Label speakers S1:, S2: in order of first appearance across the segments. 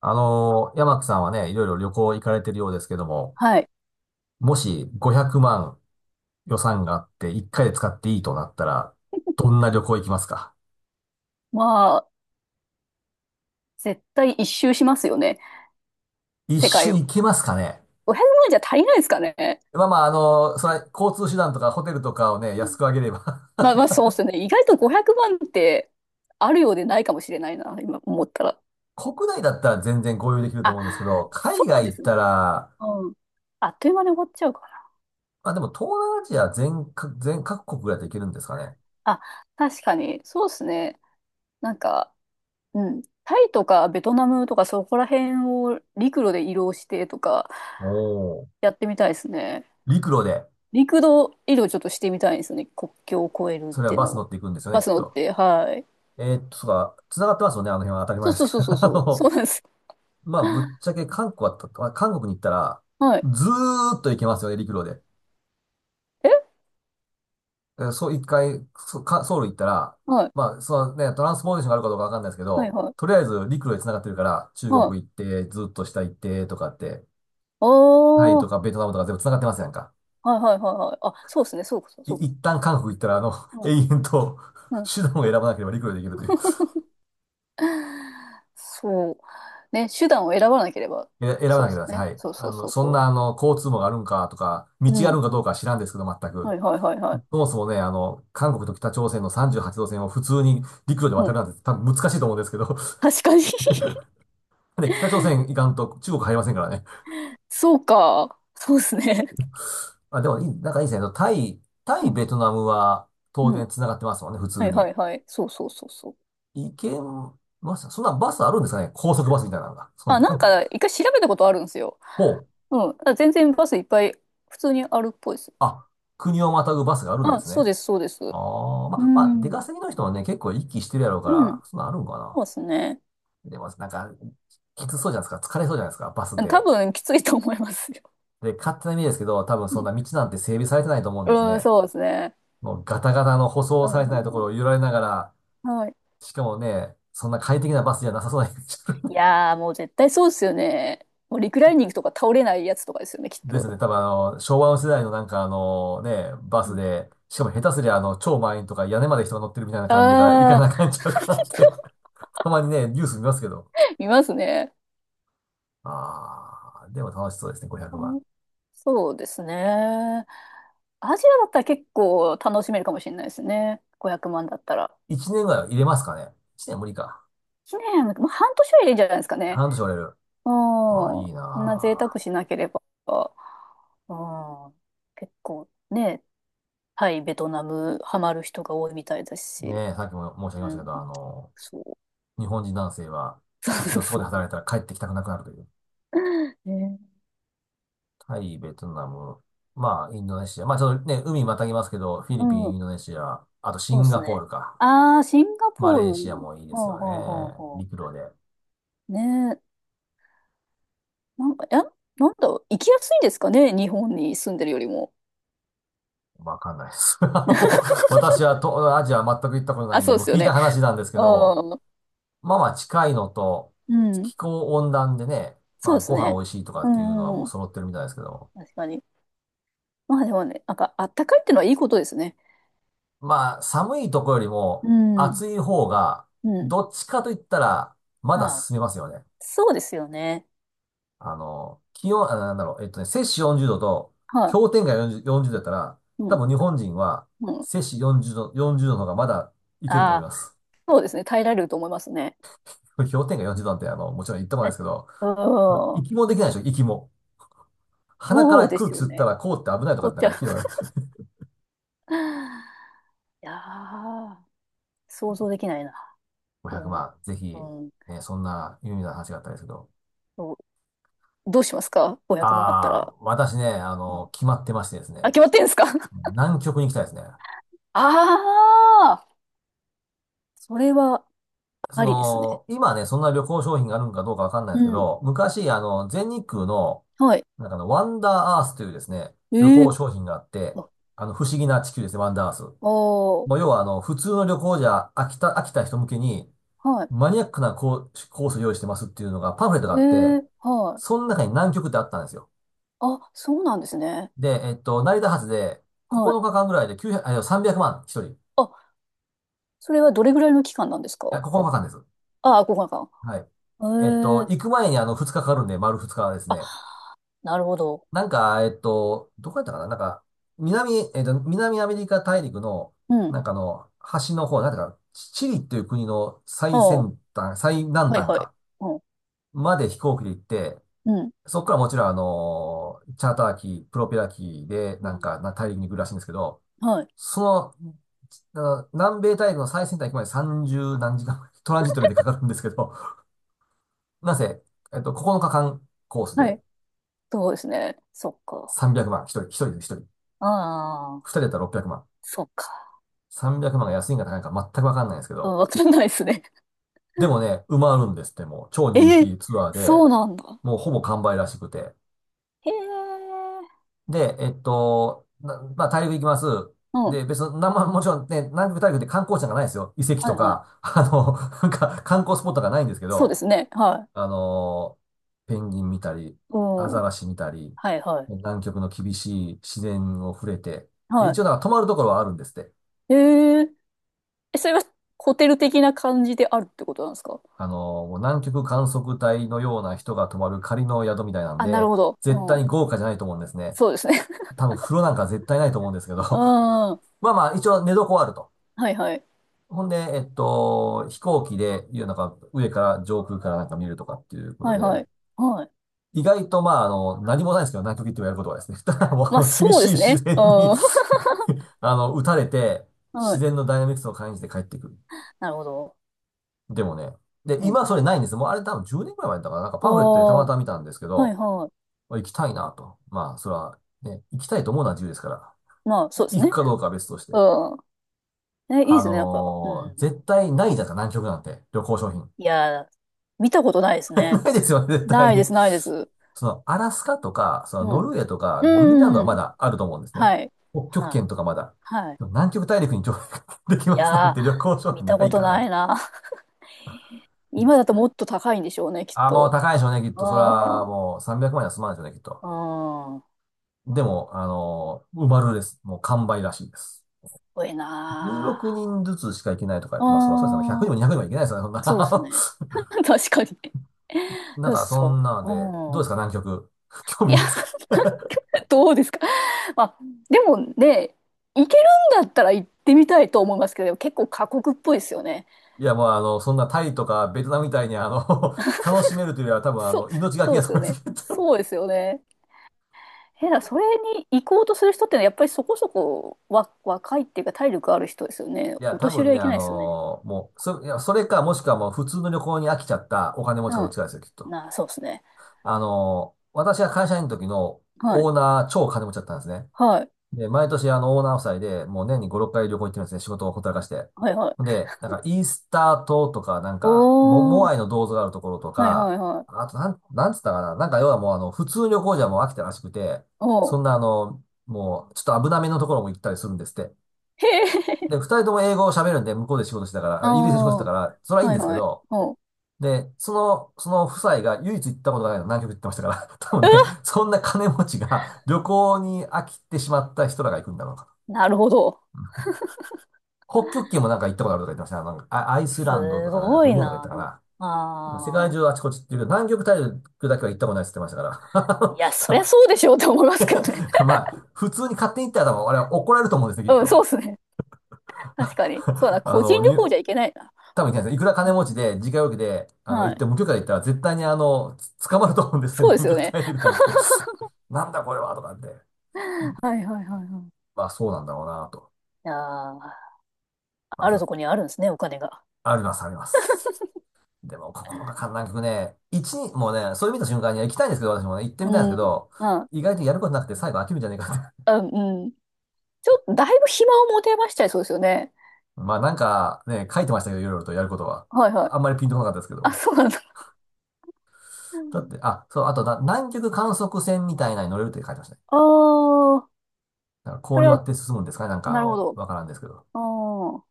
S1: 山木さんはね、いろいろ旅行行かれてるようですけども、
S2: はい。
S1: もし500万予算があって1回で使っていいとなったら、どんな旅行行きますか？
S2: まあ、絶対一周しますよね。
S1: 一
S2: 世界
S1: 周
S2: を。
S1: 行けますかね？
S2: 500万じゃ足りないですかね。
S1: まあまあ、それは交通手段とかホテルとかをね、安くあげれば、
S2: まあまあ、そうっすね。意外と500万ってあるようでないかもしれないな、今思ったら。
S1: 国内だったら全然合流できると
S2: あ、
S1: 思うんですけど、
S2: そ
S1: 海
S2: う
S1: 外
S2: で
S1: 行っ
S2: す
S1: た
S2: ね。
S1: ら、
S2: うん。あっという間に終わっちゃうかな。
S1: まあでも東南アジア全各国ぐらいで行けるんですかね？
S2: あ、確かに、そうですね。なんか、うん。タイとかベトナムとかそこら辺を陸路で移動してとか
S1: おー。
S2: やってみたいですね。
S1: 陸路で、
S2: 陸路移動ちょっとしてみたいですね。国境を越えるっ
S1: それは
S2: ていう
S1: バ
S2: の
S1: ス
S2: を。
S1: 乗っていくんですよね、
S2: バ
S1: き
S2: ス
S1: っ
S2: 乗っ
S1: と。
S2: て、はい。
S1: そうか、繋がってますよね、あの辺は当たり
S2: そ
S1: 前
S2: う
S1: です
S2: そうそう
S1: けど。
S2: そうそう。そうなんです。
S1: まあ、ぶっちゃけ韓国まあ韓国に行ったら、
S2: はい。
S1: ずーっと行けますよね、陸路で。
S2: え
S1: えそう、一回、ソウル行ったら、
S2: はい。
S1: まあ、そのね、トランスポーテーションがあるかどうかわかんないですけ
S2: はい
S1: ど、
S2: はい。
S1: とりあえず陸路で繋がってるから、中国
S2: は
S1: 行っ
S2: い。
S1: て、ずっと下行って、とかって、
S2: あ
S1: タイと
S2: あ。
S1: かベトナムとか全部繋がってますやんか。
S2: はいはいはいはい。あ、そうですね。そうかそうかそうか。
S1: 一旦韓国行ったら、
S2: う
S1: 永
S2: ん。
S1: 遠と
S2: うん。
S1: 手段を選ばなければ陸路で行けるという。
S2: そう。ね、手段を選ばなければ。
S1: 選ば
S2: そ
S1: な
S2: う
S1: け
S2: で
S1: れば
S2: す
S1: ですね、は
S2: ね。
S1: い。
S2: そうそうそう
S1: そん
S2: そ
S1: な、交通網があるんかとか、道
S2: う。
S1: が
S2: う
S1: ある
S2: ん。
S1: んかどうかは知らんですけど、全
S2: は
S1: く。
S2: いはいはいはい。
S1: そもそもね、韓国と北朝鮮の38度線を普通に陸路で
S2: う
S1: 渡
S2: ん。
S1: るなんて多分難しいと思うんですけど、
S2: 確かに。
S1: で、北朝鮮行かんと中国入りませんからね。
S2: そうか。そうですね。
S1: まあ、でもいい、なんかいいですね。タ
S2: う
S1: イ、
S2: ん。
S1: ベトナムは当
S2: うん。
S1: 然繋がってますもんね、普
S2: は
S1: 通
S2: いは
S1: に。
S2: いはい。そうそうそうそう。
S1: 行けました。そんなバスあるんですかね、高速バスみたいなのが。そん
S2: あ、
S1: な、なんか、
S2: 一回調べたことあるんですよ。
S1: ほう。
S2: うん。あ、全然バスいっぱい普通にあるっぽいです。
S1: あ、国をまたぐバスがあるんで
S2: あ、
S1: す
S2: そう
S1: ね。
S2: です、そうです。
S1: ああ、
S2: う
S1: まあ、出
S2: ん。
S1: 稼ぎの人はね、結構行きしてるやろうか
S2: うん。
S1: ら、そんなんあるんかな。
S2: そうですね。
S1: でも、なんか、きつそうじゃないですか。疲れそうじゃないですか、バス
S2: 多
S1: で。
S2: 分きついと思いますよ。
S1: で、勝手な意味ですけど、多分
S2: う
S1: そん
S2: ん、
S1: な道なんて整備されてないと思うんです
S2: うん、
S1: ね。
S2: そうですね。
S1: もうガタガタの舗
S2: う
S1: 装
S2: ん、う
S1: されてないと
S2: ん、
S1: こ
S2: う
S1: ろ
S2: ん、
S1: を揺られながら、
S2: はい。
S1: しかもね、そんな快適なバスじゃなさそうな、
S2: い やー、もう絶対そうですよね。もうリクライニングとか倒れないやつとかですよね、きっ
S1: です
S2: と。
S1: ね。多分昭和の世代のなんかね、バ
S2: う
S1: ス
S2: ん。
S1: で、しかも下手すりゃ超満員とか屋根まで人が乗ってるみたいな感じから行か
S2: あ
S1: な
S2: あ。
S1: あかんちゃうかなって、 たまにね、ニュース見ますけど。
S2: 見ますね。
S1: でも楽しそうですね、500
S2: う
S1: 万。
S2: ん、そうですね。アジアだったら結構楽しめるかもしれないですね。500万だったら。
S1: 1年ぐらいは入れますかね。1年無理か。
S2: 1年、まあ、半年はいいんじゃないですかね。
S1: 半年折れる。
S2: ああ、
S1: い
S2: そ
S1: い
S2: んな贅
S1: な。
S2: 沢しなければ。ああ、結構ね、タイ、ベトナム、ハマる人が多いみたいだし、
S1: さっきも申し上げまし
S2: う
S1: たけ
S2: ん、
S1: ど、
S2: そう。
S1: 日本人男性は
S2: そう
S1: 一度そこ
S2: そ
S1: で
S2: うそ
S1: 働いたら帰ってきたくなくなるという。
S2: う。ね、
S1: タイ、ベトナム、まあ、インドネシア。まあ、ちょっとね、海またぎますけど、フィ
S2: う
S1: リピン、
S2: ん、
S1: インドネシア、あとシ
S2: そうで
S1: ン
S2: す
S1: ガポー
S2: ね。
S1: ルか。
S2: ああ、シンガ
S1: マ
S2: ポー
S1: レーシア
S2: ル。
S1: もいいです
S2: ほう
S1: よね。
S2: ほうほうほ
S1: 陸路で。
S2: う。ねえ、なんか、え、行きやすいんですかね、日本に住んでるよりも。
S1: わかんないです。私は東アジアは全く行ったことな
S2: あ、
S1: いん
S2: そ
S1: で、
S2: うで
S1: もう
S2: すよ
S1: 聞いた
S2: ね。
S1: 話なんですけど、
S2: ああ、
S1: まあまあ近いのと、
S2: うん、
S1: 気候温暖でね、
S2: そ
S1: ま
S2: う
S1: あ
S2: です
S1: ご飯
S2: ね。
S1: 美味しいとか
S2: う
S1: っていうの
S2: ん、
S1: は
S2: うん
S1: も
S2: う
S1: う
S2: ん、
S1: 揃ってるみたいですけど、
S2: 確かに。まあでもね、あったかいってのはいいことですね。
S1: まあ、寒いとこよりも
S2: うん、
S1: 暑い方が、
S2: うん。
S1: どっちかと言ったら、まだ
S2: は
S1: 進めますよね。
S2: い。そうですよね。
S1: 気温、摂氏40度と
S2: は
S1: 氷点下40度だったら、
S2: い。う
S1: 多
S2: ん、
S1: 分日本人は
S2: うん。
S1: 摂氏40度の方がまだいけると
S2: あ
S1: 思い
S2: あ、
S1: ます。
S2: そうですね。耐えられると思いますね。
S1: 氷点下40度なんて、もちろん言ってもないで
S2: え、
S1: すけど、
S2: うん。
S1: 息もできないでしょ、息も。鼻か
S2: そう
S1: ら
S2: で
S1: 空
S2: す
S1: 気
S2: よ
S1: 吸った
S2: ね。
S1: ら凍って危ないとか
S2: こ
S1: って
S2: っ
S1: なん
S2: ち
S1: か
S2: ゃ。
S1: 聞いたことある。
S2: いやー、想像できないな。
S1: 500
S2: うん。
S1: 万、ぜひ、
S2: うん。
S1: ね、そんな有名な話があったんですけど。
S2: そう、どうしますか？ 500 万あった
S1: ああ、
S2: ら。
S1: 私ね、
S2: うん。
S1: 決まってましてですね。
S2: あ、決まってんですか？
S1: 南極に行きたいですね。
S2: ああ、それは
S1: そ
S2: ありですね。
S1: の、今ね、そんな旅行商品があるのかどうかわかんないで
S2: う
S1: すけ
S2: ん。
S1: ど、昔、全日空の、
S2: はい。
S1: なんかワンダーアースというですね、
S2: え
S1: 旅行
S2: ー、
S1: 商品があって、
S2: あ、
S1: 不思議な地球ですね、ワンダーアース。
S2: あー、
S1: もう要は、普通の旅行じゃ飽きた人向けに、
S2: はい。
S1: マニアックなコースを用意してますっていうのが、パンフレット
S2: え
S1: があって、
S2: ー、はい。
S1: その中に南極ってあったんですよ。
S2: あ、そうなんですね。
S1: で、成田発で、9
S2: はい。
S1: 日間ぐらいで900、あ、いや、300万、一人。い
S2: あ、それはどれぐらいの期間なんですか？
S1: や、9日間です。
S2: ああ、5日
S1: はい。
S2: 間。へえ。
S1: 行く前に2日かかるんで、丸2日です
S2: あ、
S1: ね。
S2: なるほど。
S1: なんか、どこやったかな、なんか、南、えっと、南アメリカ大陸の、
S2: うん。
S1: なんか端の方、なんていうか、チチリっていう国の
S2: あ
S1: 最
S2: あ、
S1: 先端、最南
S2: はい
S1: 端
S2: はい。
S1: か、
S2: うん。
S1: まで飛行機で行って、
S2: うん。
S1: そこからもちろんチャーター機、プロペラ機で、
S2: う
S1: なん
S2: ん、
S1: か、大陸に行くらしいんですけど、
S2: はい。
S1: その、南米大陸の最先端行くまで30何時間、トランジットでかかるんですけど、なぜ、9日間コース
S2: は
S1: で、
S2: い。そうですね。そっか。
S1: 300万。一人、一人で一人。
S2: ああ、
S1: 二人だったら600万。
S2: そっか。
S1: 300万が安いんか高いんか全くわかんないんですけ
S2: うん、
S1: ど。
S2: わかんないですね。
S1: でもね、埋まるんですって、もう。超人
S2: ええ、
S1: 気ツアー
S2: そ
S1: で、
S2: うなんだ。
S1: もうほぼ完売らしくて。
S2: へえ。
S1: で、まあ、大陸行きます。
S2: うん。
S1: で、別に、なんも、もちろんね、南極大陸って観光地なんかないですよ。遺跡
S2: は
S1: と
S2: いはい。
S1: か、なんか観光スポットがないんですけ
S2: そうで
S1: ど、
S2: すね。はい。
S1: あの、ペンギン見たり、
S2: う
S1: ア
S2: ん。
S1: ザラシ見たり、
S2: はいはい。
S1: 南極の厳しい自然を触れて、で、一
S2: は
S1: 応なんか泊まるところはあるんですって。
S2: い。へえ。え、それはホテル的な感じであるってことなんですか？
S1: もう南極観測隊のような人が泊まる仮の宿みたいなん
S2: あ、なる
S1: で、
S2: ほど。う
S1: 絶対
S2: ん。
S1: に豪華じゃないと思うんですね。
S2: そうですね。
S1: 多分風呂なんか絶対ないと思うんですけど。
S2: う ん。
S1: まあまあ、一応寝床はあると。
S2: はいはい。
S1: ほんで、飛行機で、いうなんか上から上空からなんか見るとかっていうこと
S2: はいは
S1: で、
S2: い。はい。
S1: 意外とまあ、何もないですけど、南極行ってもやることはですね。ただもう、
S2: ま
S1: あ
S2: あ
S1: の厳
S2: そう
S1: し
S2: で
S1: い
S2: す
S1: 自
S2: ね。う
S1: 然に、
S2: ん。
S1: 打たれて、
S2: は
S1: 自
S2: い。
S1: 然のダイナミクスを感じて帰ってくる。
S2: なるほど。
S1: でもね、で、
S2: うん。
S1: 今それないんです。もうあれ多分10年くらい前だったから、なんか
S2: あ
S1: パンフレットでた
S2: あ、
S1: ま
S2: は
S1: たま見たんですけ
S2: い
S1: ど、
S2: は
S1: 行きたいなと。まあ、それはね、行きたいと思うのは自由ですから、
S2: い。まあそうです
S1: 行く
S2: ね。
S1: かどうかは別として。
S2: うん。え、いいですね。うん。
S1: 絶対ないじゃないですか、南極なんて、旅行商品。
S2: いやー、見たことないです ね。
S1: ないですよね、絶
S2: な
S1: 対
S2: いで
S1: に。
S2: す、ないです。
S1: その、アラスカとか、その、
S2: う
S1: ノ
S2: ん。
S1: ルウェーと
S2: う
S1: か、グリーンランド
S2: ん、
S1: は
S2: う
S1: ま
S2: ん、
S1: だあると思うんですね。
S2: はい。
S1: 北極
S2: はい。
S1: 圏とかまだ。
S2: はい。
S1: でも南極大陸に上陸 でき
S2: い
S1: ますなん
S2: やー、
S1: て 旅行商
S2: 見
S1: 品
S2: た
S1: な
S2: こ
S1: い
S2: と
S1: か
S2: な
S1: ら。
S2: いな。今だともっと高いんでしょうね、きっ
S1: あ、もう
S2: と。
S1: 高いでしょうね、きっ
S2: う
S1: と。それ
S2: ん。
S1: は
S2: うん。
S1: もう300万円は済まないでしょうね、きっと。
S2: 多
S1: でも、埋まるです。もう完売らしいです。
S2: い
S1: 16
S2: な
S1: 人ずつしか行けないとか言
S2: ー。
S1: って、まあ、それはそうですね。100
S2: う
S1: 人
S2: ん。
S1: も200人も行けないですよね、そん
S2: そうです
S1: な。
S2: ね。確かにね。
S1: な
S2: で
S1: ん
S2: も
S1: か、そ
S2: そ
S1: んなの
S2: う。
S1: で、
S2: う
S1: どうで
S2: ん。
S1: すか、南極。興味
S2: い
S1: な
S2: や、
S1: いですか？
S2: どうですか。まあ、でもね、行けるんだったら行ってみたいと思いますけど、結構過酷っぽいですよね。
S1: いや、もう、そんなタイとかベトナムみたいに、楽しめるというよりは、多分、
S2: そう、
S1: 命がけ
S2: そう
S1: や
S2: で
S1: と
S2: す
S1: 思
S2: よ
S1: いま
S2: ね。
S1: すけど。
S2: そうですよね。えだから、それに行こうとする人ってのは、やっぱりそこそこ若いっていうか、体力ある人ですよね。
S1: いや、
S2: お
S1: 多
S2: 年寄
S1: 分
S2: りは
S1: ね、
S2: いけ
S1: あ
S2: ないですよね。
S1: の、もう、そ、いや、それか、もしくはもう、普通の旅行に飽きちゃったお金持ちか
S2: う
S1: どっち
S2: ん。
S1: かですよ、きっと。
S2: なあ、そうですね。
S1: 私が会社員の時の
S2: はい。
S1: オーナー、超金持ちだったんですね。
S2: はい。
S1: で、毎年あのオーナー夫妻で、もう年に5、6回旅行行ってるんですね。仕事をほったらかして。
S2: はいはい。
S1: で、なんかイースター島とか、
S2: お
S1: モア
S2: ー。
S1: イの銅像があるところと
S2: はいは
S1: か、
S2: いはい。
S1: あとなん、なんつったかな。なんか要はもうあの、普通旅行じゃもう飽きたらしくて、
S2: おー。
S1: そんなあの、もうちょっと危なめのところも行ったりするんですって。
S2: へえ。
S1: で、二人とも英語を喋るんで、向こうで仕事してたから、
S2: あ
S1: あイギリスで仕事して
S2: あ。
S1: たから、それはいいん
S2: はい
S1: ですけ
S2: はい。
S1: ど、
S2: おう。
S1: で、その夫妻が唯一行ったことがないの、南極行ってましたから、多
S2: う
S1: 分
S2: わ、
S1: ね、そんな金持ちが旅行に飽きてしまった人らが行くんだろうか
S2: なるほど。
S1: と。北極圏もなんか行ったことあるとか言ってましたね。なんかあアイスランドと
S2: す
S1: か、なんか
S2: ご
S1: グ
S2: い
S1: リーンランドとか
S2: な。
S1: 言っ
S2: あ
S1: たかな。世界
S2: あ。
S1: 中あちこちっていうけど、南極大陸だけは行ったことないって言ってましたから。
S2: いや、そ
S1: 多
S2: りゃそうでしょうって思いますけどね。
S1: 分 まあ、普通に勝手に行ったら多分、あれは怒られると思うんです ね、きっ
S2: うん、そう
S1: と。
S2: ですね。確かに。そうだ な、
S1: あ
S2: 個
S1: の、
S2: 人旅
S1: に、
S2: 行じゃいけないな。
S1: 多分行けないですね、いくら
S2: う
S1: 金持ち
S2: ん、
S1: で、自家用機で、
S2: は
S1: 行っ
S2: い。
S1: て、無許可で行ったら絶対にあの、つ捕まると思うんですね、
S2: そう です
S1: 南
S2: よ
S1: 極
S2: ね。
S1: 大陸なんて。なんだこれは、とかって。
S2: はいはいはいはい。い
S1: まあ、そうなんだろうな、と。
S2: やー、
S1: ま
S2: ある
S1: あ、
S2: とこにあるんですね、お金が。
S1: あります、あります。でも、心がか、なんかね、一日、もうね、それ見た瞬間に行きたいんですけど、私もね、行ってみたいんです
S2: う
S1: け
S2: ん。
S1: ど、
S2: あ、
S1: 意外とやることなくて最後飽きるんじゃねえかって。
S2: あ、うん。ちょっと、だいぶ暇を持てましちゃいそうですよね。
S1: まあなんかね、書いてましたけど、いろいろとやることは。
S2: はいはい。
S1: ああんまりピンとこなかったですけ
S2: あ、
S1: ど。
S2: そうなんだ。う
S1: だっ
S2: ん。
S1: て、あ、そう、あとな、南極観測船みたいなのに乗れるって書いてましたね。
S2: ああ、
S1: だから
S2: そ
S1: 氷
S2: れは、
S1: 割って進むんですかね、なんかあ
S2: なるほ
S1: の、
S2: ど。
S1: わからんですけど。
S2: ああ。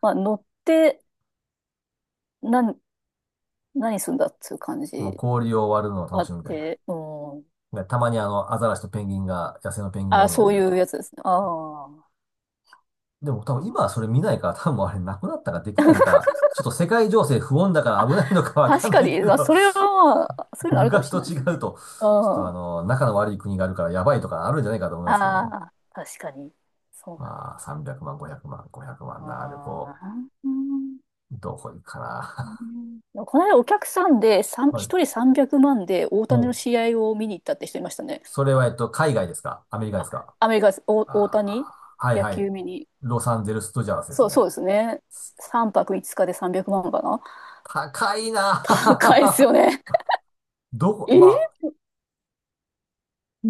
S2: まあ、乗って、なん、何すんだっていう感
S1: もう
S2: じ
S1: 氷を割るのを
S2: あ
S1: 楽し
S2: っ
S1: むみたいな。
S2: て、うん。
S1: でたまにあの、アザラシとペンギンが、野生のペンギンがお
S2: あ、
S1: るのを
S2: そ
S1: 見
S2: う
S1: る
S2: いう
S1: と。
S2: やつですね。ああ。
S1: でも多分今はそれ見ないから、多分あれなくなったかできないんか。ちょっと世界情勢不穏だから危ないのかわか
S2: 確
S1: ん
S2: か
S1: ないけ
S2: に、まあ、
S1: ど、
S2: それは、まあそ ういうのあるかも
S1: 昔
S2: しれ
S1: と
S2: ないで
S1: 違
S2: す
S1: う
S2: ね。
S1: と、
S2: うん。
S1: ちょっとあ
S2: あ
S1: の、仲の悪い国があるからやばいとかあるんじゃないかと思いますけどね。
S2: あ、確かに。そう
S1: まあ、300万、500万、500
S2: だ
S1: 万な旅行、
S2: な。うん。
S1: どこ行くか
S2: う
S1: な。
S2: ん、この間お客さんでさ ん
S1: は
S2: 一
S1: い。
S2: 人300万で大
S1: も
S2: 谷の
S1: う、
S2: 試合を見に行ったって人いましたね。
S1: それはえっと、海外ですか、アメリカで
S2: あ、
S1: すか？
S2: アメリカです、お
S1: あ
S2: 大谷
S1: ー、はい
S2: 野
S1: はい。
S2: 球見に。
S1: ロサンゼルス・ドジャースです
S2: そう、
S1: ね。
S2: そうですね。3泊5日で300万かな。
S1: 高い
S2: 高いです
S1: な。
S2: よね。
S1: どこ、
S2: え
S1: ま
S2: ー